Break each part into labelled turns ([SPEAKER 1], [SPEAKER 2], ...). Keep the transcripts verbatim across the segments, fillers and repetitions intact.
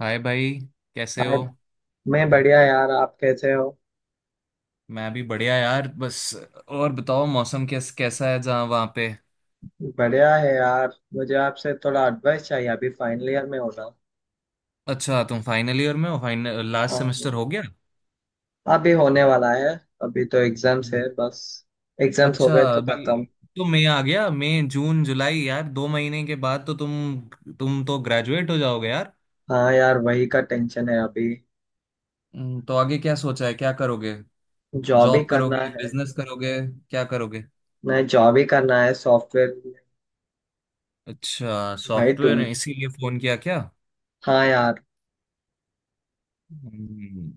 [SPEAKER 1] हाय भाई, कैसे हो।
[SPEAKER 2] आज मैं बढ़िया यार, आप कैसे हो।
[SPEAKER 1] मैं भी बढ़िया यार, बस। और बताओ मौसम कैस कैसा है जहाँ वहाँ पे।
[SPEAKER 2] बढ़िया है यार, मुझे आपसे थोड़ा एडवाइस चाहिए। अभी फाइनल ईयर में होना
[SPEAKER 1] अच्छा, तुम फाइनल ईयर में हो। फाइनल लास्ट सेमेस्टर
[SPEAKER 2] अम,
[SPEAKER 1] हो गया?
[SPEAKER 2] अभी होने वाला है। अभी तो एग्जाम्स है
[SPEAKER 1] हम्म।
[SPEAKER 2] बस। एग्जाम्स हो
[SPEAKER 1] अच्छा,
[SPEAKER 2] गए तो
[SPEAKER 1] अभी
[SPEAKER 2] खत्म।
[SPEAKER 1] तो मई आ गया। मई, जून, जुलाई, यार दो महीने के बाद तो तुम तुम तो ग्रेजुएट हो जाओगे यार।
[SPEAKER 2] हाँ यार, वही का टेंशन है अभी।
[SPEAKER 1] हम्म, तो आगे क्या सोचा है, क्या करोगे?
[SPEAKER 2] जॉब ही
[SPEAKER 1] जॉब
[SPEAKER 2] करना
[SPEAKER 1] करोगे,
[SPEAKER 2] है।
[SPEAKER 1] बिजनेस करोगे? क्या करोगे?
[SPEAKER 2] नहीं, जॉब ही करना है, सॉफ्टवेयर।
[SPEAKER 1] अच्छा,
[SPEAKER 2] भाई
[SPEAKER 1] सॉफ्टवेयर।
[SPEAKER 2] तुम
[SPEAKER 1] इसीलिए फोन किया क्या?
[SPEAKER 2] हाँ यार,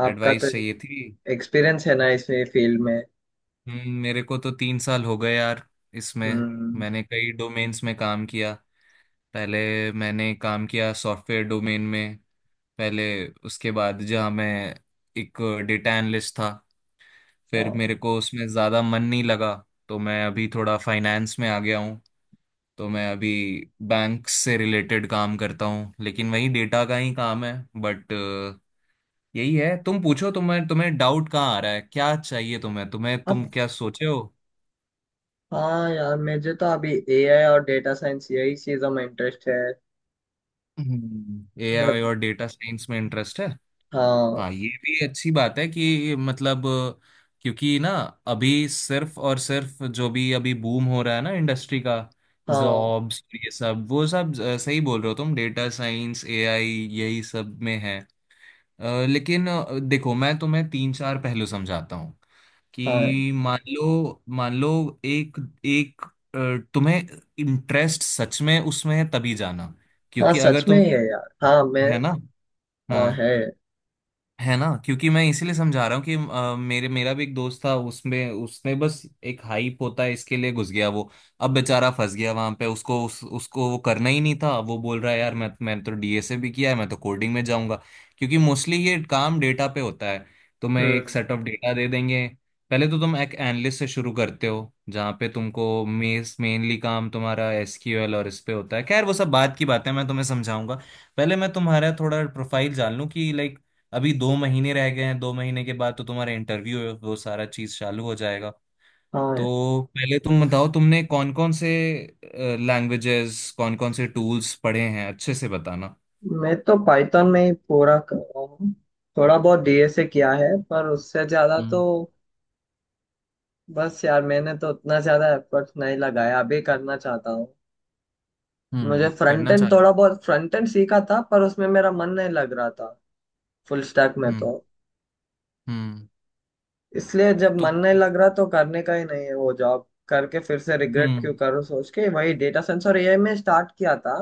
[SPEAKER 2] आपका तो
[SPEAKER 1] एडवाइस चाहिए थी।
[SPEAKER 2] एक्सपीरियंस है ना इस फील्ड में।
[SPEAKER 1] हम्म, मेरे को तो तीन साल हो गए यार, इसमें।
[SPEAKER 2] हम्म।
[SPEAKER 1] मैंने कई डोमेन्स में काम किया पहले। मैंने काम किया सॉफ्टवेयर डोमेन में पहले। उसके बाद जहाँ मैं एक डेटा एनालिस्ट था, फिर
[SPEAKER 2] हाँ।
[SPEAKER 1] मेरे को उसमें ज़्यादा मन नहीं लगा। तो मैं अभी थोड़ा फाइनेंस में आ गया हूँ। तो मैं अभी बैंक से रिलेटेड काम करता हूँ, लेकिन वही डेटा का ही काम है। बट यही है, तुम पूछो। तुम्हें तुम्हें डाउट कहाँ आ रहा है, क्या चाहिए तुम्हें तुम्हें? तुम
[SPEAKER 2] अब
[SPEAKER 1] क्या सोचे हो?
[SPEAKER 2] हाँ यार, मुझे तो अभी ए आई और डेटा साइंस यही चीजों में इंटरेस्ट है। वेब
[SPEAKER 1] एआई और डेटा साइंस में इंटरेस्ट है।
[SPEAKER 2] हाँ
[SPEAKER 1] हाँ, ये भी अच्छी बात है कि मतलब, क्योंकि ना, अभी सिर्फ और सिर्फ जो भी अभी बूम हो रहा है ना इंडस्ट्री का,
[SPEAKER 2] हाँ।
[SPEAKER 1] जॉब्स ये सब वो सब, अ, सही बोल रहे हो तुम। डेटा साइंस, एआई यही सब में है। अ, लेकिन अ, देखो, मैं तुम्हें तीन चार पहलू समझाता हूँ।
[SPEAKER 2] हाँ,
[SPEAKER 1] कि मान लो, मान लो, एक एक अ, तुम्हें इंटरेस्ट सच में उसमें है तभी जाना,
[SPEAKER 2] हाँ
[SPEAKER 1] क्योंकि अगर
[SPEAKER 2] सच में ही
[SPEAKER 1] तुम।
[SPEAKER 2] है यार। हाँ मैं
[SPEAKER 1] है ना। हाँ,
[SPEAKER 2] हाँ है।
[SPEAKER 1] है ना। क्योंकि मैं इसीलिए समझा रहा हूँ कि अ, मेरे मेरा भी एक दोस्त था। उसमें उसने बस एक हाइप होता है, इसके लिए घुस गया वो। अब बेचारा फंस गया वहां पे। उसको उस, उसको वो करना ही नहीं था। वो बोल रहा है यार, मैं मैंने तो डीएसए भी किया है, मैं तो कोडिंग में जाऊंगा। क्योंकि मोस्टली ये काम डेटा पे होता है। तुम्हें एक
[SPEAKER 2] हम्म।
[SPEAKER 1] सेट ऑफ डेटा दे देंगे। पहले तो तुम एक एनालिस्ट से शुरू करते हो, जहाँ पे तुमको मेस मेनली काम तुम्हारा एसक्यूएल और इस पे होता है। खैर, वो सब बात की बात है, मैं तुम्हें समझाऊंगा। पहले मैं तुम्हारा थोड़ा प्रोफाइल जान लूं कि लाइक, अभी दो महीने रह गए हैं। दो महीने के बाद तो तुम्हारा इंटरव्यू है, वो सारा चीज चालू हो जाएगा।
[SPEAKER 2] हाँ,
[SPEAKER 1] तो पहले तुम बताओ, तुमने कौन कौन से लैंग्वेजेस, कौन कौन से टूल्स पढ़े हैं, अच्छे से बताना।
[SPEAKER 2] मैं तो पाइथन में ही पूरा कर रहा हूँ। थोड़ा बहुत डी एस ए किया है, पर उससे ज्यादा तो
[SPEAKER 1] हम्म।
[SPEAKER 2] बस यार, मैंने तो उतना ज्यादा एफर्ट नहीं लगाया, अभी करना चाहता हूँ। मुझे
[SPEAKER 1] हम्म।
[SPEAKER 2] फ्रंट
[SPEAKER 1] करना
[SPEAKER 2] एंड
[SPEAKER 1] चाहते।
[SPEAKER 2] थोड़ा बहुत फ्रंट एंड सीखा था, पर उसमें मेरा मन नहीं लग रहा था, फुल स्टैक में
[SPEAKER 1] हम्म।
[SPEAKER 2] तो।
[SPEAKER 1] हम्म।
[SPEAKER 2] इसलिए जब
[SPEAKER 1] तो।
[SPEAKER 2] मन नहीं लग रहा तो करने का ही नहीं है वो। जॉब करके फिर से रिग्रेट क्यों
[SPEAKER 1] हम्म।
[SPEAKER 2] करूँ सोच के वही डेटा साइंस और ए आई में स्टार्ट किया था।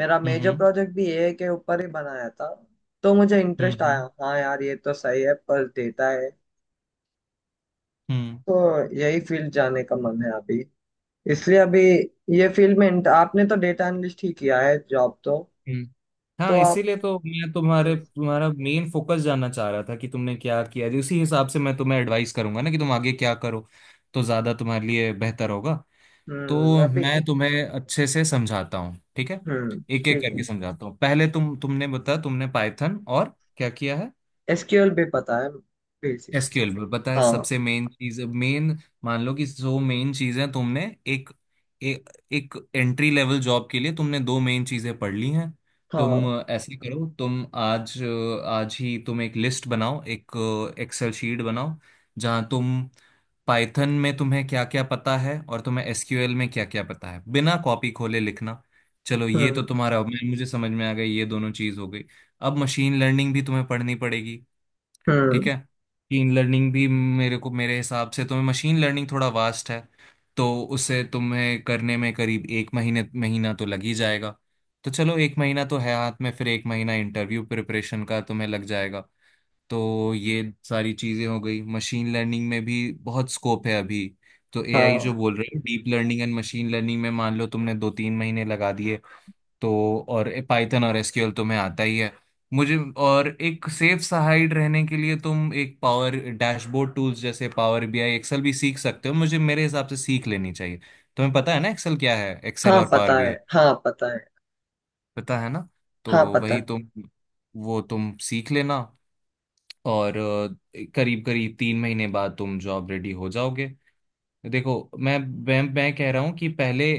[SPEAKER 2] मेरा
[SPEAKER 1] हम्म।
[SPEAKER 2] मेजर
[SPEAKER 1] हम्म।
[SPEAKER 2] प्रोजेक्ट भी ए आई के ऊपर ही बनाया था। तो मुझे इंटरेस्ट आया।
[SPEAKER 1] हम्म।
[SPEAKER 2] हाँ यार, ये तो सही है, पर डेटा है
[SPEAKER 1] हम्म।
[SPEAKER 2] तो यही फील्ड जाने का मन है अभी। इसलिए अभी ये फील्ड में इंट- आपने तो डेटा एनालिस्ट ही किया है जॉब तो।
[SPEAKER 1] हम्म।
[SPEAKER 2] तो
[SPEAKER 1] हाँ,
[SPEAKER 2] आप
[SPEAKER 1] इसीलिए तो मैं तुम्हारे
[SPEAKER 2] हम्म।
[SPEAKER 1] तुम्हारा मेन फोकस जानना चाह रहा था कि तुमने क्या किया है। उसी हिसाब से मैं तुम्हें एडवाइस करूंगा ना कि तुम आगे क्या करो, तो ज्यादा तुम्हारे लिए बेहतर होगा। तो
[SPEAKER 2] हम्म, अभी।
[SPEAKER 1] मैं तुम्हें अच्छे से समझाता हूँ, ठीक है।
[SPEAKER 2] हम्म,
[SPEAKER 1] एक एक
[SPEAKER 2] ठीक
[SPEAKER 1] करके
[SPEAKER 2] है।
[SPEAKER 1] समझाता हूँ। पहले तुम, तुमने बताया तुमने पाइथन और क्या किया है।
[SPEAKER 2] एस क्यू एल भी पता है बेसिक्स से।
[SPEAKER 1] एसक्यूएल पर पता है,
[SPEAKER 2] हाँ।
[SPEAKER 1] सबसे मेन चीज मेन। मान लो कि दो मेन चीजें तुमने, एक ए, एक एंट्री लेवल जॉब के लिए तुमने दो मेन चीजें पढ़ ली हैं।
[SPEAKER 2] हाँ।
[SPEAKER 1] तुम ऐसे करो, तुम आज, आज ही तुम एक लिस्ट बनाओ, एक एक्सेल शीट बनाओ, जहां तुम पाइथन में तुम्हें क्या क्या पता है और तुम्हें एसक्यूएल में क्या क्या पता है, बिना कॉपी खोले लिखना। चलो, ये तो
[SPEAKER 2] हम्म।
[SPEAKER 1] तुम्हारा, मैं मुझे समझ में आ गई, ये दोनों चीज हो गई। अब मशीन लर्निंग भी तुम्हें पढ़नी पड़ेगी, ठीक
[SPEAKER 2] हम्म।
[SPEAKER 1] है। मशीन लर्निंग भी मेरे को मेरे हिसाब से, तुम्हें मशीन लर्निंग थोड़ा वास्ट है। तो उसे तुम्हें करने में करीब एक महीने महीना तो लग ही जाएगा। तो चलो, एक महीना तो है हाथ में, फिर एक महीना इंटरव्यू प्रिपरेशन का तुम्हें लग जाएगा। तो ये सारी चीज़ें हो गई। मशीन लर्निंग में भी बहुत स्कोप है अभी। तो एआई जो
[SPEAKER 2] हाँ।
[SPEAKER 1] बोल रहे हैं, deep learning and machine learning में मान लो तुमने दो तीन महीने लगा दिए। तो, और पाइथन और एसक्यूएल तुम्हें आता ही है मुझे। और एक सेफ साइड रहने के लिए तुम एक पावर डैशबोर्ड टूल्स जैसे पावर बीआई, एक्सेल भी सीख सकते हो। मुझे मेरे हिसाब से सीख लेनी चाहिए। तुम्हें पता है ना एक्सेल क्या है? एक्सेल
[SPEAKER 2] हाँ
[SPEAKER 1] और पावर
[SPEAKER 2] पता है।
[SPEAKER 1] बीआई
[SPEAKER 2] हाँ पता है।
[SPEAKER 1] पता है ना? तो
[SPEAKER 2] हाँ पता
[SPEAKER 1] वही
[SPEAKER 2] है।
[SPEAKER 1] तुम, वो तुम सीख लेना। और करीब करीब तीन महीने बाद तुम जॉब रेडी हो जाओगे। देखो, मैं मैं मैं कह रहा हूं कि पहले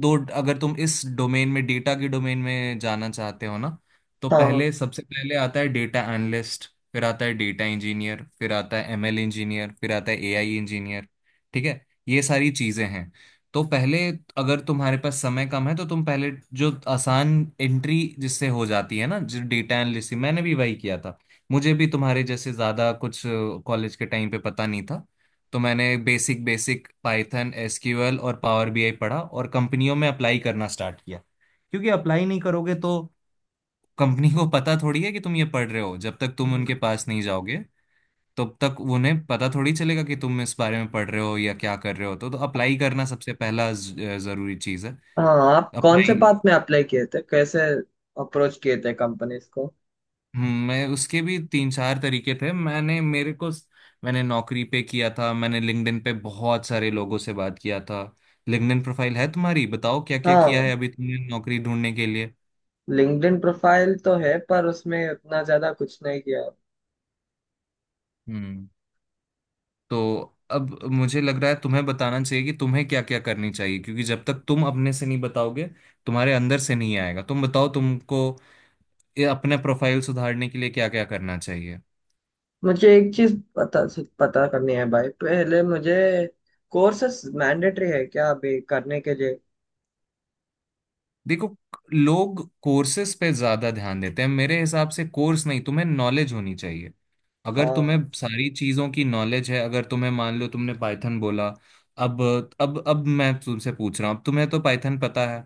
[SPEAKER 1] दो, अगर तुम इस डोमेन में, डेटा के डोमेन में जाना चाहते हो ना, तो
[SPEAKER 2] हाँ।
[SPEAKER 1] पहले, सबसे पहले आता है डेटा एनालिस्ट, फिर आता है डेटा इंजीनियर, फिर आता है एमएल इंजीनियर, फिर आता है एआई इंजीनियर। ठीक है, ये सारी चीजें हैं। तो पहले, अगर तुम्हारे पास समय कम है, तो तुम पहले जो आसान एंट्री जिससे हो जाती है ना, जो डेटा एनालिस्ट, मैंने भी वही किया था। मुझे भी तुम्हारे जैसे ज्यादा कुछ कॉलेज के टाइम पे पता नहीं था। तो मैंने बेसिक बेसिक पाइथन, एसक्यूएल और पावर बीआई पढ़ा और कंपनियों में अप्लाई करना स्टार्ट किया। क्योंकि अप्लाई नहीं करोगे तो कंपनी को पता थोड़ी है कि तुम ये पढ़ रहे हो, जब तक तुम उनके
[SPEAKER 2] हम्म।
[SPEAKER 1] पास नहीं जाओगे तब तक उन्हें पता थोड़ी चलेगा कि तुम इस बारे में पढ़ रहे हो या क्या कर रहे हो। तो, तो अप्लाई करना सबसे पहला ज- जरूरी चीज़ है।
[SPEAKER 2] हाँ, आप कौन से
[SPEAKER 1] अप्लाई,
[SPEAKER 2] बात में अप्लाई किए थे? कैसे अप्रोच किए थे कंपनीज को?
[SPEAKER 1] हम्म, मैं उसके भी तीन चार तरीके थे। मैंने मेरे को मैंने नौकरी पे किया था, मैंने लिंक्डइन पे बहुत सारे लोगों से बात किया था। लिंक्डइन प्रोफाइल है तुम्हारी? बताओ क्या क्या किया
[SPEAKER 2] हाँ।
[SPEAKER 1] है अभी तुमने नौकरी ढूंढने के लिए।
[SPEAKER 2] लिंक्डइन प्रोफाइल तो है, पर उसमें उतना ज्यादा कुछ नहीं किया।
[SPEAKER 1] हम्म। तो अब मुझे लग रहा है तुम्हें बताना चाहिए कि तुम्हें क्या क्या करनी चाहिए, क्योंकि जब तक तुम अपने से नहीं बताओगे, तुम्हारे अंदर से नहीं आएगा। तुम बताओ तुमको ये अपना प्रोफाइल सुधारने के लिए क्या क्या करना चाहिए।
[SPEAKER 2] मुझे एक चीज पता पता करनी है भाई। पहले मुझे कोर्सेस मैंडेटरी है क्या अभी करने के लिए?
[SPEAKER 1] देखो, लोग कोर्सेस पे ज्यादा ध्यान देते हैं, मेरे हिसाब से कोर्स नहीं, तुम्हें नॉलेज होनी चाहिए। अगर तुम्हें
[SPEAKER 2] हाँ।
[SPEAKER 1] सारी चीजों की नॉलेज है, अगर तुम्हें, मान लो तुमने पाइथन बोला। अब अब अब मैं तुमसे पूछ रहा हूँ, अब तुम्हें तो पाइथन पता है।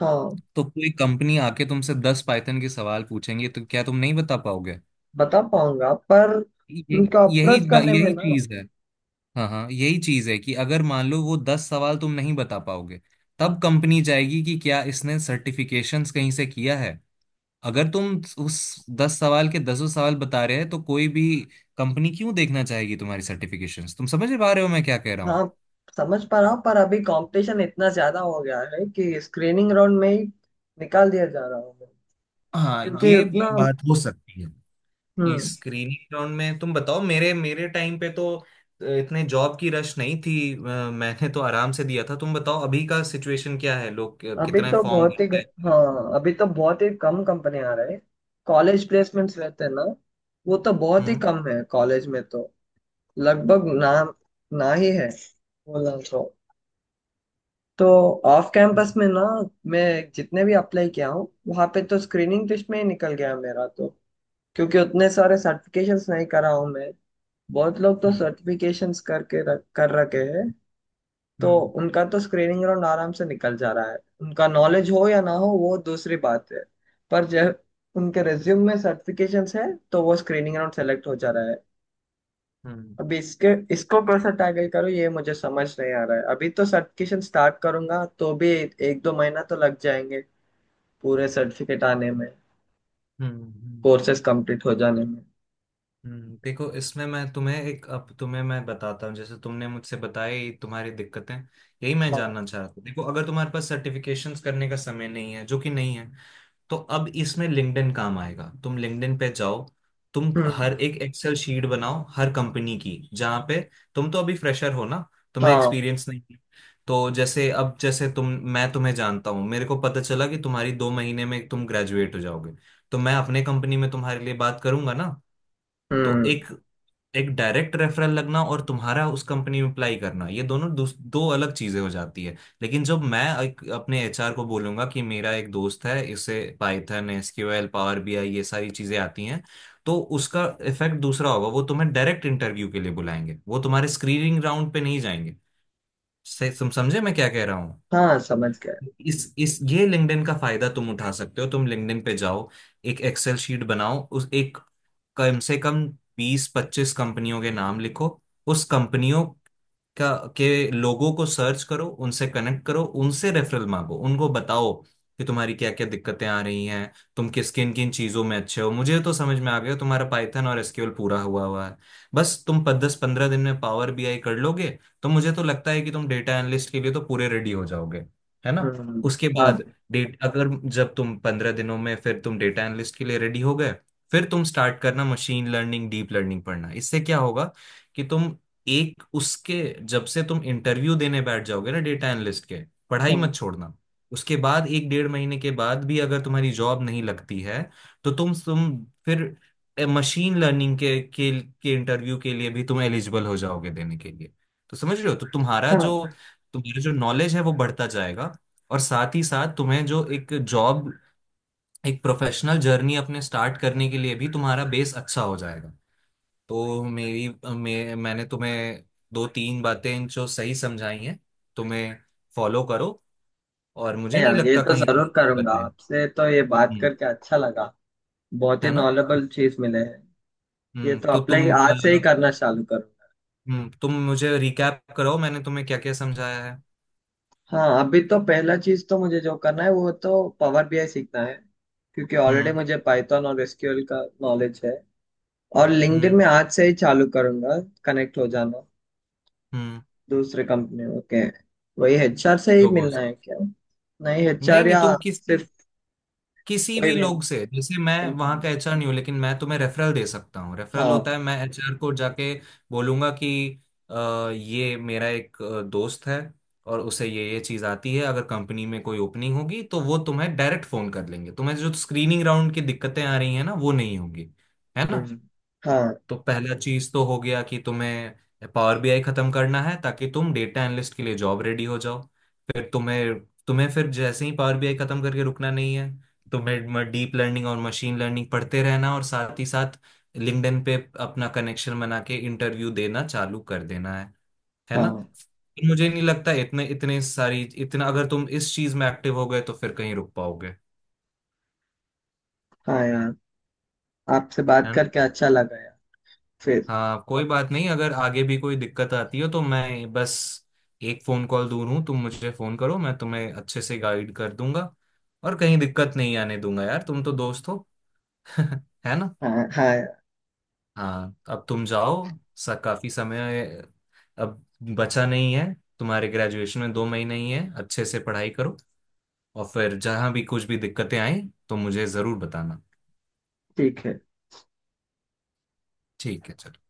[SPEAKER 2] हाँ,
[SPEAKER 1] तो कोई कंपनी आके तुमसे दस पाइथन के सवाल पूछेंगे, तो क्या तुम नहीं बता पाओगे?
[SPEAKER 2] बता पाऊंगा, पर
[SPEAKER 1] ये
[SPEAKER 2] उनका
[SPEAKER 1] यही
[SPEAKER 2] अप्रोच
[SPEAKER 1] बा-
[SPEAKER 2] करने में
[SPEAKER 1] यही
[SPEAKER 2] ना।
[SPEAKER 1] चीज है। हाँ हाँ, यही चीज है कि अगर मान लो वो दस सवाल तुम नहीं बता पाओगे, तब कंपनी जाएगी कि क्या इसने सर्टिफिकेशंस कहीं से किया है। अगर तुम उस दस सवाल के दसों सवाल बता रहे हैं, तो कोई भी कंपनी क्यों देखना चाहेगी तुम्हारी सर्टिफिकेशंस? तुम समझ पा रहे हो मैं क्या कह रहा हूँ?
[SPEAKER 2] हाँ, समझ पा रहा हूँ, पर अभी कंपटीशन इतना ज्यादा हो गया है कि स्क्रीनिंग राउंड में ही निकाल दिया जा रहा हूँ मैं।
[SPEAKER 1] हाँ,
[SPEAKER 2] क्योंकि
[SPEAKER 1] ये
[SPEAKER 2] उतना।
[SPEAKER 1] बात हो सकती है कि
[SPEAKER 2] हम्म।
[SPEAKER 1] स्क्रीनिंग राउंड में, तुम बताओ, मेरे मेरे टाइम पे तो अ, इतने जॉब की रश नहीं थी। अ, मैंने तो आराम से दिया था। तुम बताओ अभी का सिचुएशन क्या है, लोग
[SPEAKER 2] अभी
[SPEAKER 1] कितने
[SPEAKER 2] तो
[SPEAKER 1] फॉर्म
[SPEAKER 2] बहुत ही
[SPEAKER 1] भरते हैं?
[SPEAKER 2] हाँ, अभी तो बहुत ही कम कंपनी आ रहे हैं। कॉलेज प्लेसमेंट्स रहते हैं ना, वो तो बहुत ही
[SPEAKER 1] हम्म।
[SPEAKER 2] कम है कॉलेज में तो। लगभग ना, ना ही है। बोला तो तो ऑफ कैंपस
[SPEAKER 1] हम्म।
[SPEAKER 2] में ना। मैं जितने भी अप्लाई किया हूँ वहाँ पे तो स्क्रीनिंग टेस्ट में ही निकल गया मेरा तो। क्योंकि उतने सारे सर्टिफिकेशंस नहीं करा हूँ मैं। बहुत लोग तो सर्टिफिकेशंस करके रख कर रखे हैं तो।
[SPEAKER 1] हम्म।
[SPEAKER 2] उनका तो स्क्रीनिंग राउंड आराम से निकल जा रहा है। उनका नॉलेज हो या ना हो, वो दूसरी बात है, पर जब उनके रिज्यूम में सर्टिफिकेशंस है तो वो स्क्रीनिंग राउंड सेलेक्ट हो जा रहा है।
[SPEAKER 1] हम्म। हम्म।
[SPEAKER 2] अभी इसके इसको कैसे टैकल करूँ ये मुझे समझ नहीं आ रहा है। अभी तो सर्टिफिकेशन स्टार्ट करूंगा तो भी एक दो महीना तो लग जाएंगे पूरे सर्टिफिकेट आने में,
[SPEAKER 1] हम्म। हम्म।
[SPEAKER 2] कोर्सेज कंप्लीट हो जाने में।
[SPEAKER 1] हम्म। देखो, इसमें मैं तुम्हें एक, अब तुम्हें मैं बताता हूँ, जैसे तुमने मुझसे बताई तुम्हारी दिक्कतें, यही मैं
[SPEAKER 2] हाँ।
[SPEAKER 1] जानना चाह रहा था। देखो, अगर तुम्हारे पास सर्टिफिकेशंस करने का समय नहीं है, जो कि नहीं है, तो अब इसमें लिंक्डइन काम आएगा। तुम लिंक्डइन पे जाओ, तुम
[SPEAKER 2] हम्म।
[SPEAKER 1] हर एक एक्सेल शीट बनाओ हर कंपनी की, जहाँ पे, तुम तो अभी फ्रेशर हो ना, तुम्हें
[SPEAKER 2] हाँ।
[SPEAKER 1] एक्सपीरियंस नहीं है। तो जैसे अब, जैसे तुम, मैं तुम्हें जानता हूँ, मेरे को पता चला कि तुम्हारी दो महीने में तुम ग्रेजुएट हो जाओगे, तो मैं अपने कंपनी में तुम्हारे लिए बात करूंगा ना। तो
[SPEAKER 2] हम्म।
[SPEAKER 1] एक, एक डायरेक्ट रेफरल लगना और तुम्हारा उस कंपनी में अप्लाई करना, ये दोनों दूस- दो अलग चीजें हो जाती है। लेकिन जब मैं एक, अपने एचआर को बोलूंगा कि मेरा एक दोस्त है, इसे पाइथन, एसक्यूएल, पावर बीआई ये सारी चीजें आती हैं, तो उसका इफेक्ट दूसरा होगा। वो तुम्हें डायरेक्ट इंटरव्यू के लिए बुलाएंगे, वो तुम्हारे स्क्रीनिंग राउंड पे नहीं जाएंगे से, तुम समझे मैं क्या कह रहा हूँ?
[SPEAKER 2] हाँ समझ गया।
[SPEAKER 1] इस इस ये लिंक्डइन का फायदा तुम उठा सकते हो। तुम लिंक्डइन पे जाओ, एक एक्सेल शीट बनाओ, उस एक, कम से कम बीस पच्चीस कंपनियों के नाम लिखो, उस कंपनियों का के लोगों को सर्च करो, उनसे कनेक्ट करो, उनसे रेफरल मांगो, उनको बताओ कि तुम्हारी क्या क्या दिक्कतें आ रही हैं, तुम किस किन किन चीजों में अच्छे हो। मुझे तो समझ में आ गया, तुम्हारा पाइथन और एसक्यूएल पूरा हुआ हुआ है। बस तुम दस पंद्रह दिन में पावर बीआई कर लोगे, तो मुझे तो लगता है कि तुम डेटा एनालिस्ट के लिए तो पूरे रेडी हो जाओगे। है ना।
[SPEAKER 2] हम्म।
[SPEAKER 1] उसके
[SPEAKER 2] हाँ।
[SPEAKER 1] बाद, डेट, अगर जब तुम पंद्रह दिनों में फिर तुम डेटा एनालिस्ट के लिए रेडी हो गए, फिर तुम स्टार्ट करना मशीन लर्निंग, डीप लर्निंग पढ़ना। इससे क्या होगा, कि तुम एक उसके, जब से तुम इंटरव्यू देने बैठ जाओगे ना डेटा एनालिस्ट के, पढ़ाई
[SPEAKER 2] हाँ।
[SPEAKER 1] मत छोड़ना। उसके बाद एक डेढ़ महीने के बाद भी अगर तुम्हारी जॉब नहीं लगती है, तो तुम तुम फिर मशीन लर्निंग के के, के इंटरव्यू के लिए भी तुम एलिजिबल हो जाओगे देने के लिए। तो समझ रहे हो, तो तुम्हारा जो,
[SPEAKER 2] हाँ,
[SPEAKER 1] तुम्हारा जो नॉलेज है, वो बढ़ता जाएगा। और साथ ही साथ तुम्हें जो एक जॉब, एक प्रोफेशनल जर्नी अपने स्टार्ट करने के लिए भी तुम्हारा बेस अच्छा हो जाएगा। तो मेरी, मे, मैंने तुम्हें दो तीन बातें जो सही समझाई हैं तुम्हें, फॉलो करो। और
[SPEAKER 2] है
[SPEAKER 1] मुझे नहीं
[SPEAKER 2] यार, ये
[SPEAKER 1] लगता
[SPEAKER 2] तो
[SPEAKER 1] कहीं तुम
[SPEAKER 2] जरूर करूंगा।
[SPEAKER 1] बदले।
[SPEAKER 2] आपसे तो ये बात
[SPEAKER 1] हम्म।
[SPEAKER 2] करके अच्छा लगा। बहुत ही
[SPEAKER 1] है ना।
[SPEAKER 2] नॉलेबल चीज मिले है। ये
[SPEAKER 1] हम्म
[SPEAKER 2] तो
[SPEAKER 1] तो
[SPEAKER 2] अप्लाई
[SPEAKER 1] तुम अ,
[SPEAKER 2] आज से ही करना चालू करूंगा।
[SPEAKER 1] हम्म, तुम मुझे रिकैप कराओ मैंने तुम्हें क्या क्या समझाया है।
[SPEAKER 2] हाँ, अभी तो पहला चीज तो मुझे जो करना है वो तो पावर बी आई सीखना है। क्योंकि ऑलरेडी
[SPEAKER 1] हम्म।
[SPEAKER 2] मुझे पाइथन और एस क्यू एल का नॉलेज है। और लिंक्डइन
[SPEAKER 1] हम्म।
[SPEAKER 2] में आज से ही चालू करूंगा। कनेक्ट हो जाना
[SPEAKER 1] हम्म।
[SPEAKER 2] दूसरे कंपनी। ओके। वही एच आर से ही
[SPEAKER 1] लोगों
[SPEAKER 2] मिलना
[SPEAKER 1] से।
[SPEAKER 2] है क्या? नहीं,
[SPEAKER 1] नहीं
[SPEAKER 2] एच आर
[SPEAKER 1] नहीं,
[SPEAKER 2] या
[SPEAKER 1] तुम किसकी,
[SPEAKER 2] सिर्फ
[SPEAKER 1] किसी
[SPEAKER 2] कोई
[SPEAKER 1] भी
[SPEAKER 2] भी
[SPEAKER 1] लोग से। जैसे मैं वहाँ
[SPEAKER 2] company?
[SPEAKER 1] का एचआर नहीं हूँ, लेकिन मैं तुम्हें रेफरल दे सकता हूँ। रेफरल
[SPEAKER 2] हाँ।
[SPEAKER 1] होता है मैं एचआर को जाके बोलूंगा कि अ, ये मेरा एक अ, दोस्त है, और उसे ये ये चीज़ आती है। अगर कंपनी में कोई ओपनिंग होगी तो वो तुम्हें डायरेक्ट फोन कर लेंगे, तुम्हें जो स्क्रीनिंग राउंड की दिक्कतें आ रही हैं ना, वो नहीं होंगी। है ना।
[SPEAKER 2] हम्म। हाँ।
[SPEAKER 1] तो पहला चीज तो हो गया कि तुम्हें पावर बीआई खत्म करना है, ताकि तुम डेटा एनालिस्ट के लिए जॉब रेडी हो जाओ। फिर तुम्हें, तुम्हें फिर जैसे ही पावर बीआई खत्म करके रुकना नहीं है, तुम्हें डीप लर्निंग और मशीन लर्निंग पढ़ते रहना, और साथ ही साथ लिंक्डइन पे अपना कनेक्शन बना के इंटरव्यू देना चालू कर देना है। है ना।
[SPEAKER 2] हाँ।
[SPEAKER 1] मुझे नहीं लगता इतने इतने सारी, इतना अगर तुम इस चीज में एक्टिव हो गए, तो फिर कहीं रुक पाओगे है
[SPEAKER 2] हाँ यार, आपसे बात
[SPEAKER 1] ना।
[SPEAKER 2] करके अच्छा लगा यार। फिर।
[SPEAKER 1] हाँ, कोई बात नहीं, अगर आगे भी कोई दिक्कत आती हो, तो मैं बस एक फोन कॉल दूर हूँ। तुम मुझे फोन करो, मैं तुम्हें अच्छे से गाइड कर दूंगा, और कहीं दिक्कत नहीं आने दूंगा यार। तुम तो दोस्त हो। है ना।
[SPEAKER 2] हाँ हाँ यार।
[SPEAKER 1] हाँ, अब तुम जाओ, सा काफी समय अब बचा नहीं है, तुम्हारे ग्रेजुएशन में दो महीने ही है। अच्छे से पढ़ाई करो, और फिर जहाँ भी कुछ भी दिक्कतें आए, तो मुझे जरूर बताना।
[SPEAKER 2] ठीक है।
[SPEAKER 1] ठीक है, चलो।